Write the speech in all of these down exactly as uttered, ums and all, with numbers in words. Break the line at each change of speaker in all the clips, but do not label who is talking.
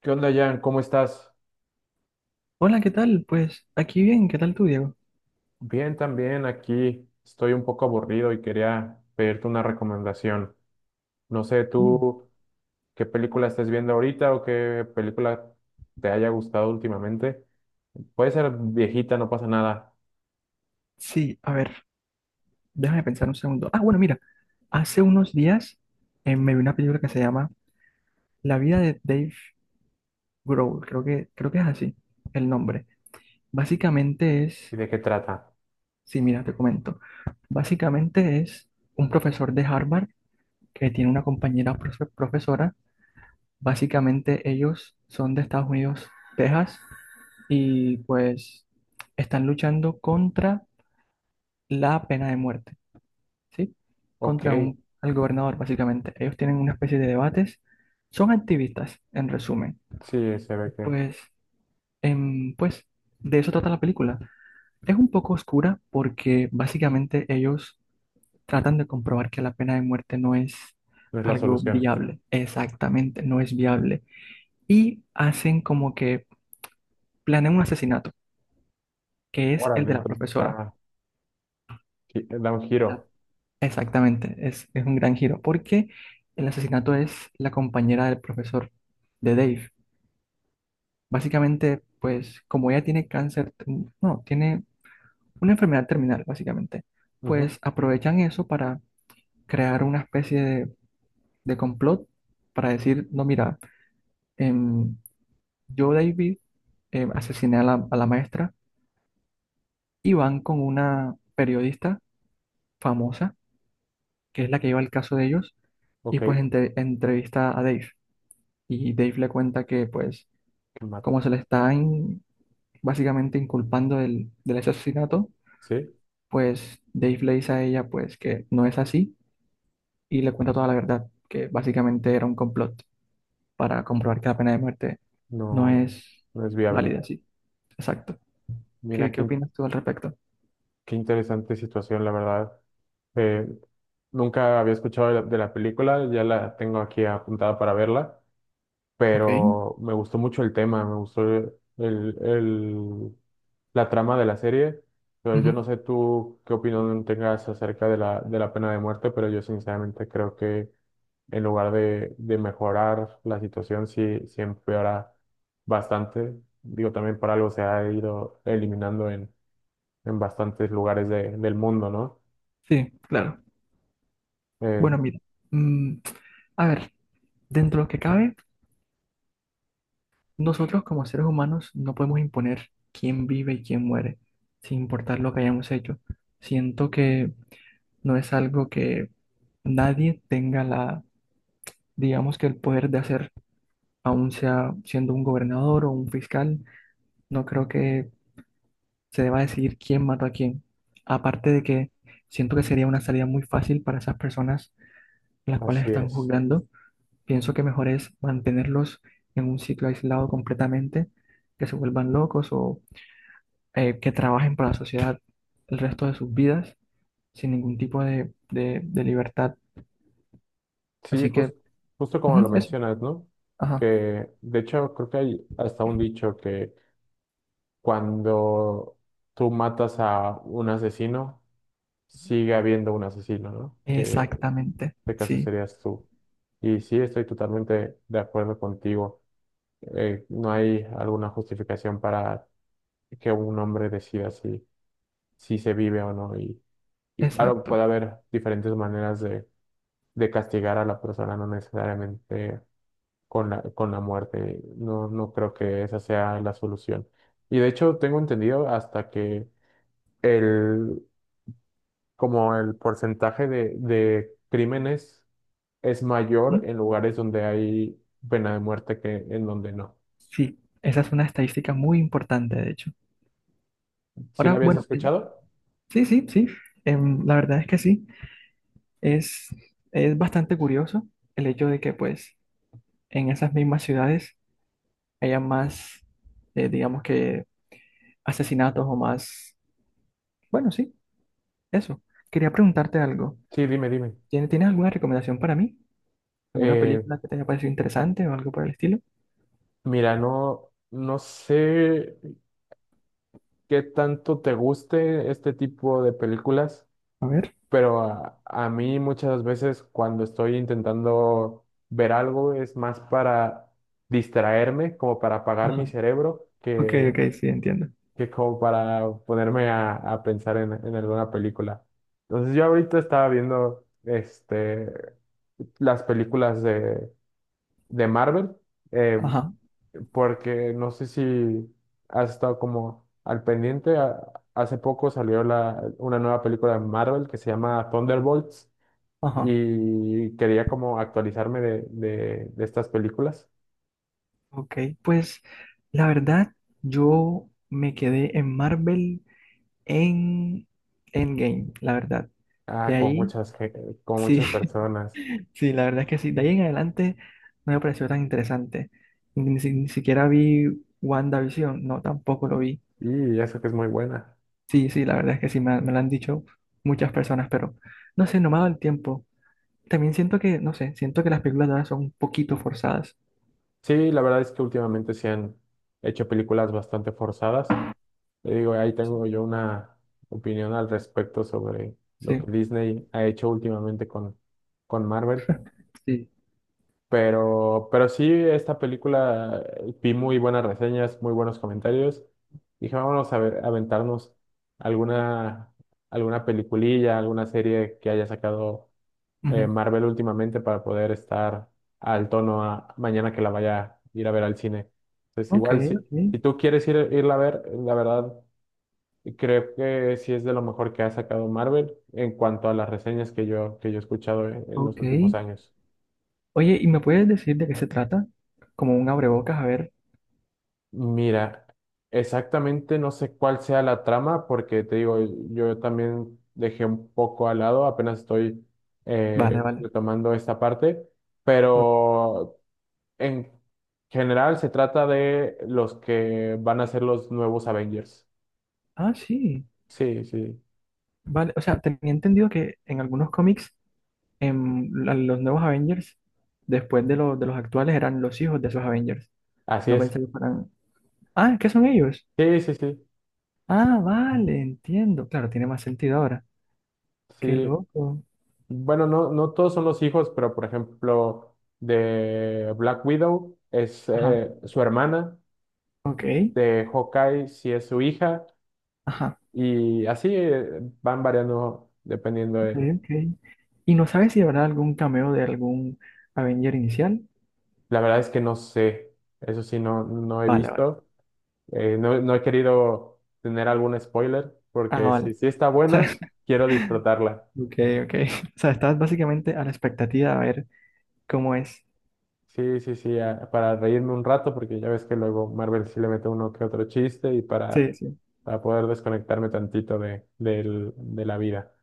¿Qué onda, Jan? ¿Cómo estás?
Hola, ¿qué tal? Pues aquí bien, ¿qué tal tú, Diego?
Bien, también aquí. Estoy un poco aburrido y quería pedirte una recomendación. No sé,
Mm.
tú qué película estés viendo ahorita o qué película te haya gustado últimamente. Puede ser viejita, no pasa nada.
Sí, a ver, déjame pensar un segundo. Ah, bueno, mira, hace unos días eh, me vi una película que se llama La vida de Dave Grohl, creo que, creo que es así el nombre. Básicamente
¿Y
es,
de qué trata?
sí, mira, te comento. Básicamente es un profesor de Harvard que tiene una compañera profe- profesora. Básicamente ellos son de Estados Unidos, Texas, y pues están luchando contra la pena de muerte. ¿Sí?
Ok,
Contra un, al gobernador, básicamente. Ellos tienen una especie de debates. Son activistas, en resumen.
sí, se ve que
Pues, em, pues, de eso trata la película. Es un poco oscura porque básicamente ellos tratan de comprobar que la pena de muerte no es
no es la
algo
solución.
viable. Exactamente, no es viable. Y hacen como que planean un asesinato, que es el
Órale,
de la
entonces
profesora.
está, gi- da un
La
giro.
exactamente, es, es un gran giro, porque el asesinato es la compañera del profesor, de Dave. Básicamente, pues como ella tiene cáncer, mm, no, tiene una enfermedad terminal, básicamente,
Ujú.
pues aprovechan eso para crear una especie de, de complot para decir, no, mira, em, yo, David, em, asesiné a la, a la maestra y van con una periodista famosa, que es la que lleva el caso de ellos,
Ok,
y pues
qué
entre- entrevista a Dave. Y Dave le cuenta que pues
mal.
como se le está in- básicamente inculpando del, del ese asesinato,
¿Sí?
pues Dave le dice a ella pues que no es así y le cuenta toda la verdad, que básicamente era un complot para comprobar que la pena de muerte no
No,
es
no es viable.
válida, sí, exacto. ¿Qué,
Mira,
qué
qué.
opinas tú al respecto?
Qué interesante situación, la verdad. Eh, Nunca había escuchado de la, de la película, ya la tengo aquí apuntada para verla,
Ok,
pero me gustó mucho el tema, me gustó el, el- la trama de la serie. Pero yo
ujú.
no sé tú qué opinión tengas acerca de la, de la pena de muerte, pero yo sinceramente creo que en lugar de, de mejorar la situación, sí, sí empeora bastante. Digo, también por algo se ha ido eliminando en bastantes lugares de- del mundo, ¿no?
Sí, claro.
Eh,
Bueno, mira, mm, a ver, dentro de lo que cabe. Nosotros como seres humanos no podemos imponer quién vive y quién muere, sin importar lo que hayamos hecho. Siento que no es algo que nadie tenga la, digamos que el poder de hacer, aun sea siendo un gobernador o un fiscal, no creo que se deba decidir quién mató a quién. Aparte de que siento que sería una salida muy fácil para esas personas las cuales
Así
están
es.
juzgando, pienso que mejor es mantenerlos en un sitio aislado completamente, que se vuelvan locos o eh, que trabajen para la sociedad el resto de sus vidas sin ningún tipo de, de- de libertad.
Sí,
Así que,
jus- Justo como
ujú,
lo
eso.
mencionas, ¿no?
Ajá.
Que de hecho creo que hay hasta un dicho que cuando tú matas a un asesino, sigue habiendo un asesino, ¿no? Que en
Exactamente.
este caso
Sí,
serías tú. Y sí, estoy totalmente de acuerdo contigo. Eh, no hay alguna justificación para que un hombre decida si, si se vive o no. Y, y claro,
exacto.
puede haber diferentes maneras de de castigar a la persona, no necesariamente con la, con la muerte. No, no creo que esa sea la solución. Y de hecho, tengo entendido hasta que el, como el porcentaje de, de crímenes es mayor
Ujú.
en lugares donde hay pena de muerte que en donde no.
Sí, esa es una estadística muy importante, de hecho.
¿Sí lo
Ahora,
habías
bueno, eh,
escuchado?
sí, sí, sí. Em, la verdad es que sí. Es, es bastante curioso el hecho de que, pues, en esas mismas ciudades haya más, eh, digamos que, asesinatos o más. Bueno, sí, eso. Quería preguntarte algo.
Sí, dime, dime.
¿Tienes, tienes alguna recomendación para mí? ¿Alguna
Eh,
película que te haya parecido interesante o algo por el estilo?
Mira, no, no sé qué tanto te guste este tipo de películas.
A ver.
Pero a, a mí muchas veces cuando estoy intentando ver algo es más para distraerme, como para apagar
Ajá.
mi cerebro,
Ok,
que,
ok, sí, entiendo.
que como para ponerme a, a pensar en, en alguna película. Entonces yo ahorita estaba viendo este, las películas de, de Marvel, eh,
Ajá,
porque no sé si has estado como al pendiente. A- hace poco salió la, una nueva película de Marvel que se llama Thunderbolts
ajá.
y quería como actualizarme de, de, de estas películas.
Ok, pues la verdad, yo me quedé en Marvel en Endgame, la verdad. De
Ah, con
ahí,
muchas, gen- con
sí,
muchas personas,
sí, la verdad es que sí. De ahí en adelante no me pareció tan interesante. Ni, si- ni siquiera vi WandaVision, no, tampoco lo vi.
y eso que es muy buena.
Sí, sí, la verdad es que sí, me, me lo han dicho muchas personas, pero no sé, no me ha dado el tiempo. También siento que, no sé, siento que las películas de ahora son un poquito forzadas.
Sí, la verdad es que últimamente se han hecho películas bastante forzadas. Te digo, ahí tengo yo una opinión al respecto sobre lo
Sí.
que Disney ha hecho últimamente con, con Marvel.
Sí.
Pero, pero sí, esta película eh, vi muy buenas reseñas, muy buenos comentarios. Dije, vámonos a ver, a aventarnos alguna, alguna peliculilla, alguna serie que haya sacado eh,
Ujú.
Marvel últimamente para poder estar al tono a- mañana que la vaya a ir a ver al cine. Entonces,
Ok,
igual, si,
ok,
si tú quieres ir, irla a ver, la verdad, creo que sí es de lo mejor que ha sacado Marvel en cuanto a las reseñas que yo, que yo he escuchado en en los
ok.
últimos años.
Oye, ¿y me puedes decir de qué se trata? Como un abrebocas, a ver.
Mira, exactamente no sé cuál sea la trama, porque te digo, yo también dejé un poco al lado, apenas estoy
Vale,
eh,
vale.
retomando esta parte,
O-
pero en general se trata de los que van a ser los nuevos Avengers.
ah, sí.
Sí, sí,
Vale, o sea, tenía entendido que en algunos cómics, en la- los nuevos Avengers, después de, los de los actuales, eran los hijos de esos Avengers.
así
No
es.
pensé que fueran. Ah, ¿qué son ellos?
Sí, sí, sí,
Ah, vale, entiendo. Claro, tiene más sentido ahora. Qué
sí.
loco.
Bueno, no, no todos son los hijos, pero por ejemplo, de Black Widow es
Ajá,
eh, su hermana,
ok.
de Hawkeye sí es su hija.
Ajá,
Y así eh, van variando dependiendo
ok,
del...
ok. ¿Y no sabes si habrá algún cameo de algún Avenger inicial?
La verdad es que no sé, eso sí, no, no he
Vale, vale.
visto. Eh, no, no he querido tener algún spoiler
Ah,
porque si,
vale.
si está buena, quiero disfrutarla.
Ok, ok. O sea, estás básicamente a la expectativa a ver cómo es.
Sí, sí, sí, a- para reírme un rato porque ya ves que luego Marvel sí le mete uno que otro chiste y
Sí,
para,
sí.
para poder desconectarme tantito de, del- de la vida.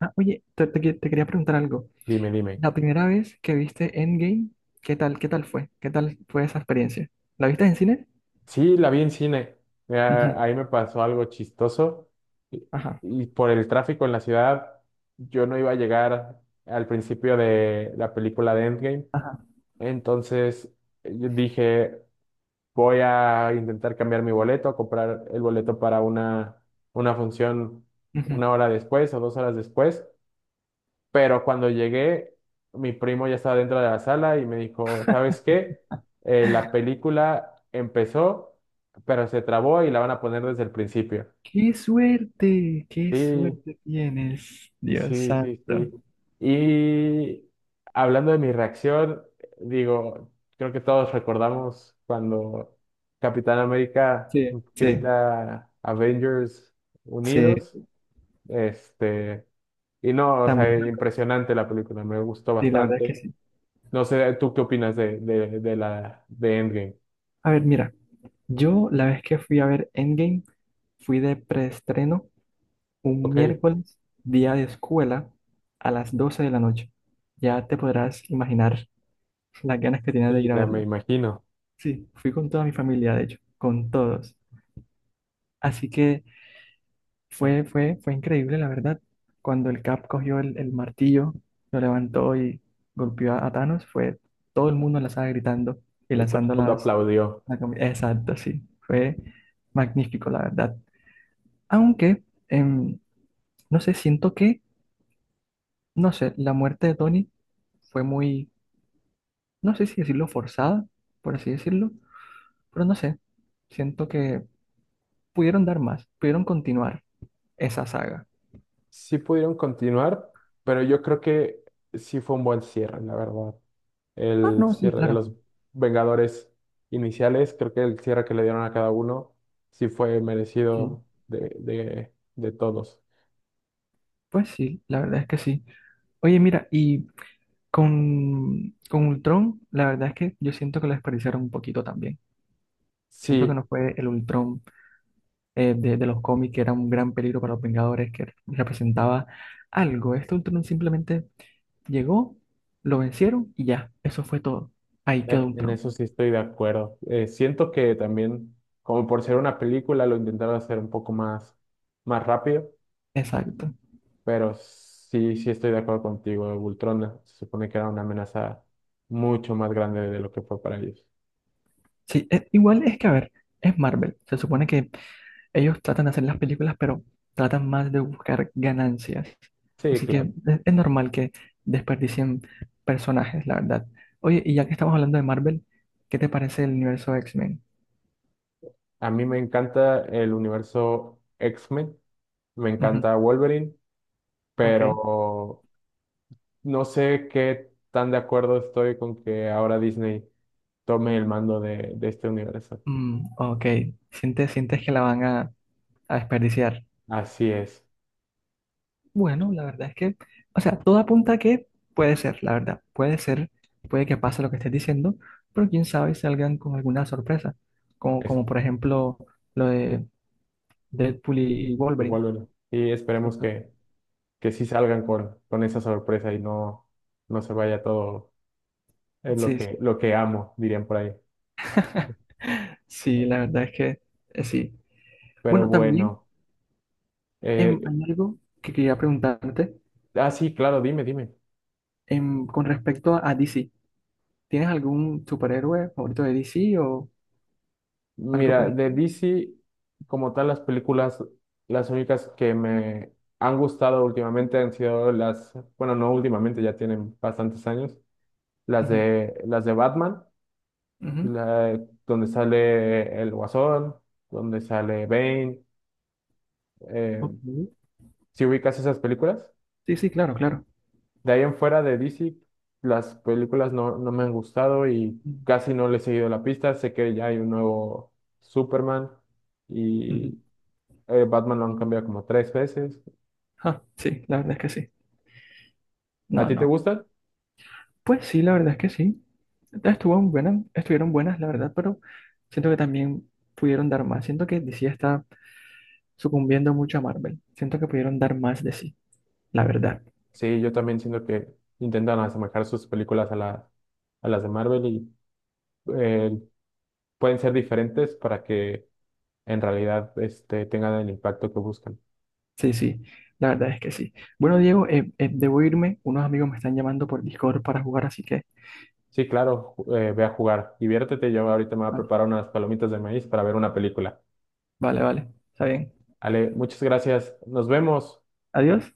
Ah, oye, te, te que- te quería preguntar algo.
Dime, dime.
La primera vez que viste Endgame, ¿qué tal, qué tal fue? ¿Qué tal fue esa experiencia? ¿La viste en cine?
Sí, la vi en cine.
Ujú.
Mira, ahí me pasó algo chistoso. Y,
Ajá,
y por el tráfico en la ciudad, yo no iba a llegar al principio de la película de Endgame.
ajá.
Entonces eh, yo dije, voy a intentar cambiar mi boleto, a comprar el boleto para una, una función
Ujú.
una hora después o dos horas después. Pero cuando llegué, mi primo ya estaba dentro de la sala y me dijo, ¿sabes qué? Eh, la película empezó, pero se trabó y la van a poner desde el principio.
¡Qué suerte! ¡Qué
Sí,
suerte tienes! Dios
sí,
santo.
sí, sí. Y hablando de mi reacción, digo, creo que todos recordamos cuando Capitán América
Sí, sí,
grita Avengers
sí,
Unidos, este, y no, o
también.
sea, impresionante la película, me gustó
Sí, la verdad es que
bastante.
sí.
No sé, ¿tú qué opinas de, de, de la de Endgame?
A ver, mira, yo la vez que fui a ver Endgame, fui de preestreno un
Ok,
miércoles, día de escuela, a las doce de la noche. Ya te podrás imaginar las ganas que tenía de
sí,
ir a
ya me
verla.
imagino.
Sí, fui con toda mi familia, de hecho, con todos. Así que fue, fue, fue increíble, la verdad. Cuando el Cap cogió el, el martillo, lo levantó y golpeó a, a Thanos, fue todo el mundo en la sala gritando y
Y todo el
lanzando
mundo
las...
aplaudió.
la cami- Exacto, sí. Fue magnífico, la verdad. Aunque, em, no sé, siento que, no sé, la muerte de Tony fue muy, no sé si decirlo forzada, por así decirlo, pero no sé, siento que pudieron dar más, pudieron continuar esa saga.
Sí pudieron continuar, pero yo creo que sí fue un buen cierre, la verdad.
Ah,
El
no, sí,
cierre de
claro.
los Vengadores iniciales, creo que el cierre que le dieron a cada uno sí fue
Sí,
merecido de, de, de todos.
pues sí, la verdad es que sí. Oye, mira, y con, con Ultron, la verdad es que yo siento que lo desperdiciaron un poquito también. Siento que
Sí,
no fue el Ultron eh, de, de los cómics, que era un gran peligro para los Vengadores, que representaba algo. Este Ultron simplemente llegó, lo vencieron y ya, eso fue todo. Ahí quedó
eh, en
Ultron.
eso sí estoy de acuerdo. Eh, siento que también, como por ser una película, lo intentaron hacer un poco más, más rápido.
Exacto.
Pero sí, sí estoy de acuerdo contigo. Ultron se supone que era una amenaza mucho más grande de lo que fue para ellos.
Sí, eh, igual es que, a ver, es Marvel. Se supone que ellos tratan de hacer las películas, pero tratan más de buscar ganancias.
Sí,
Así que
claro.
es, es normal que desperdicien personajes, la verdad. Oye, y ya que estamos hablando de Marvel, ¿qué te parece el universo X-Men?
A mí me encanta el universo X-Men, me
Ujú,
encanta Wolverine,
ok.
pero no sé qué tan de acuerdo estoy con que ahora Disney tome el mando de, de este universo.
Mm, ok. ¿Sientes, sientes que la van a, a desperdiciar?
Así es,
Bueno, la verdad es que, o sea, todo apunta a que puede ser, la verdad. Puede ser, puede que pase lo que estés diciendo, pero quién sabe si salgan con alguna sorpresa. Como,
es
como por ejemplo lo de Deadpool y Wolverine.
igual Wolverine. Y esperemos
Exacto.
que, que sí salgan con, con esa sorpresa y no, no se vaya todo, es lo
Sí,
que,
sí.
lo que amo, dirían por ahí.
Sí, la verdad es que eh, sí.
Pero
Bueno, también
bueno,
em,
eh,
hay algo que quería preguntarte
ah, sí, claro, dime, dime.
em, con respecto a, a D C. ¿Tienes algún superhéroe favorito de D C o algo por
Mira,
el
de
estilo?
D C, como tal, las películas, las únicas que me han gustado últimamente han sido las, bueno, no últimamente, ya tienen bastantes años, las
Ujú,
de, las de Batman,
ujú.
la- donde sale el Guasón, donde sale Bane, eh,
Ok.
¿sí ubicas esas películas?
Sí, sí, claro, claro.
De ahí en fuera de D C, las películas no, no me han gustado y
Mm.
casi no le he seguido la pista. Sé que ya hay un nuevo Superman
Ujú.
y eh, Batman lo han cambiado como tres veces.
Ah, sí, la verdad es que sí.
¿A
No,
ti te
no.
gustan?
Pues sí, la verdad es que sí. Estuvo buena- estuvieron buenas, la verdad, pero siento que también pudieron dar más. Siento que D C está sucumbiendo mucho a Marvel. Siento que pudieron dar más de sí, la verdad.
Sí, yo también siento que intentan asemejar sus películas a, la- a las de Marvel y eh, pueden ser diferentes para que en realidad este, tengan el impacto que buscan.
Sí, sí, la verdad es que sí. Bueno, Diego, eh, eh, debo irme. Unos amigos me están llamando por Discord para jugar, así que...
Sí, claro, ju- eh, ve a jugar, diviértete. Yo ahorita me voy a
Vale,
preparar unas palomitas de maíz para ver una película.
vale, vale. Está bien.
Ale, muchas gracias. Nos vemos.
Adiós.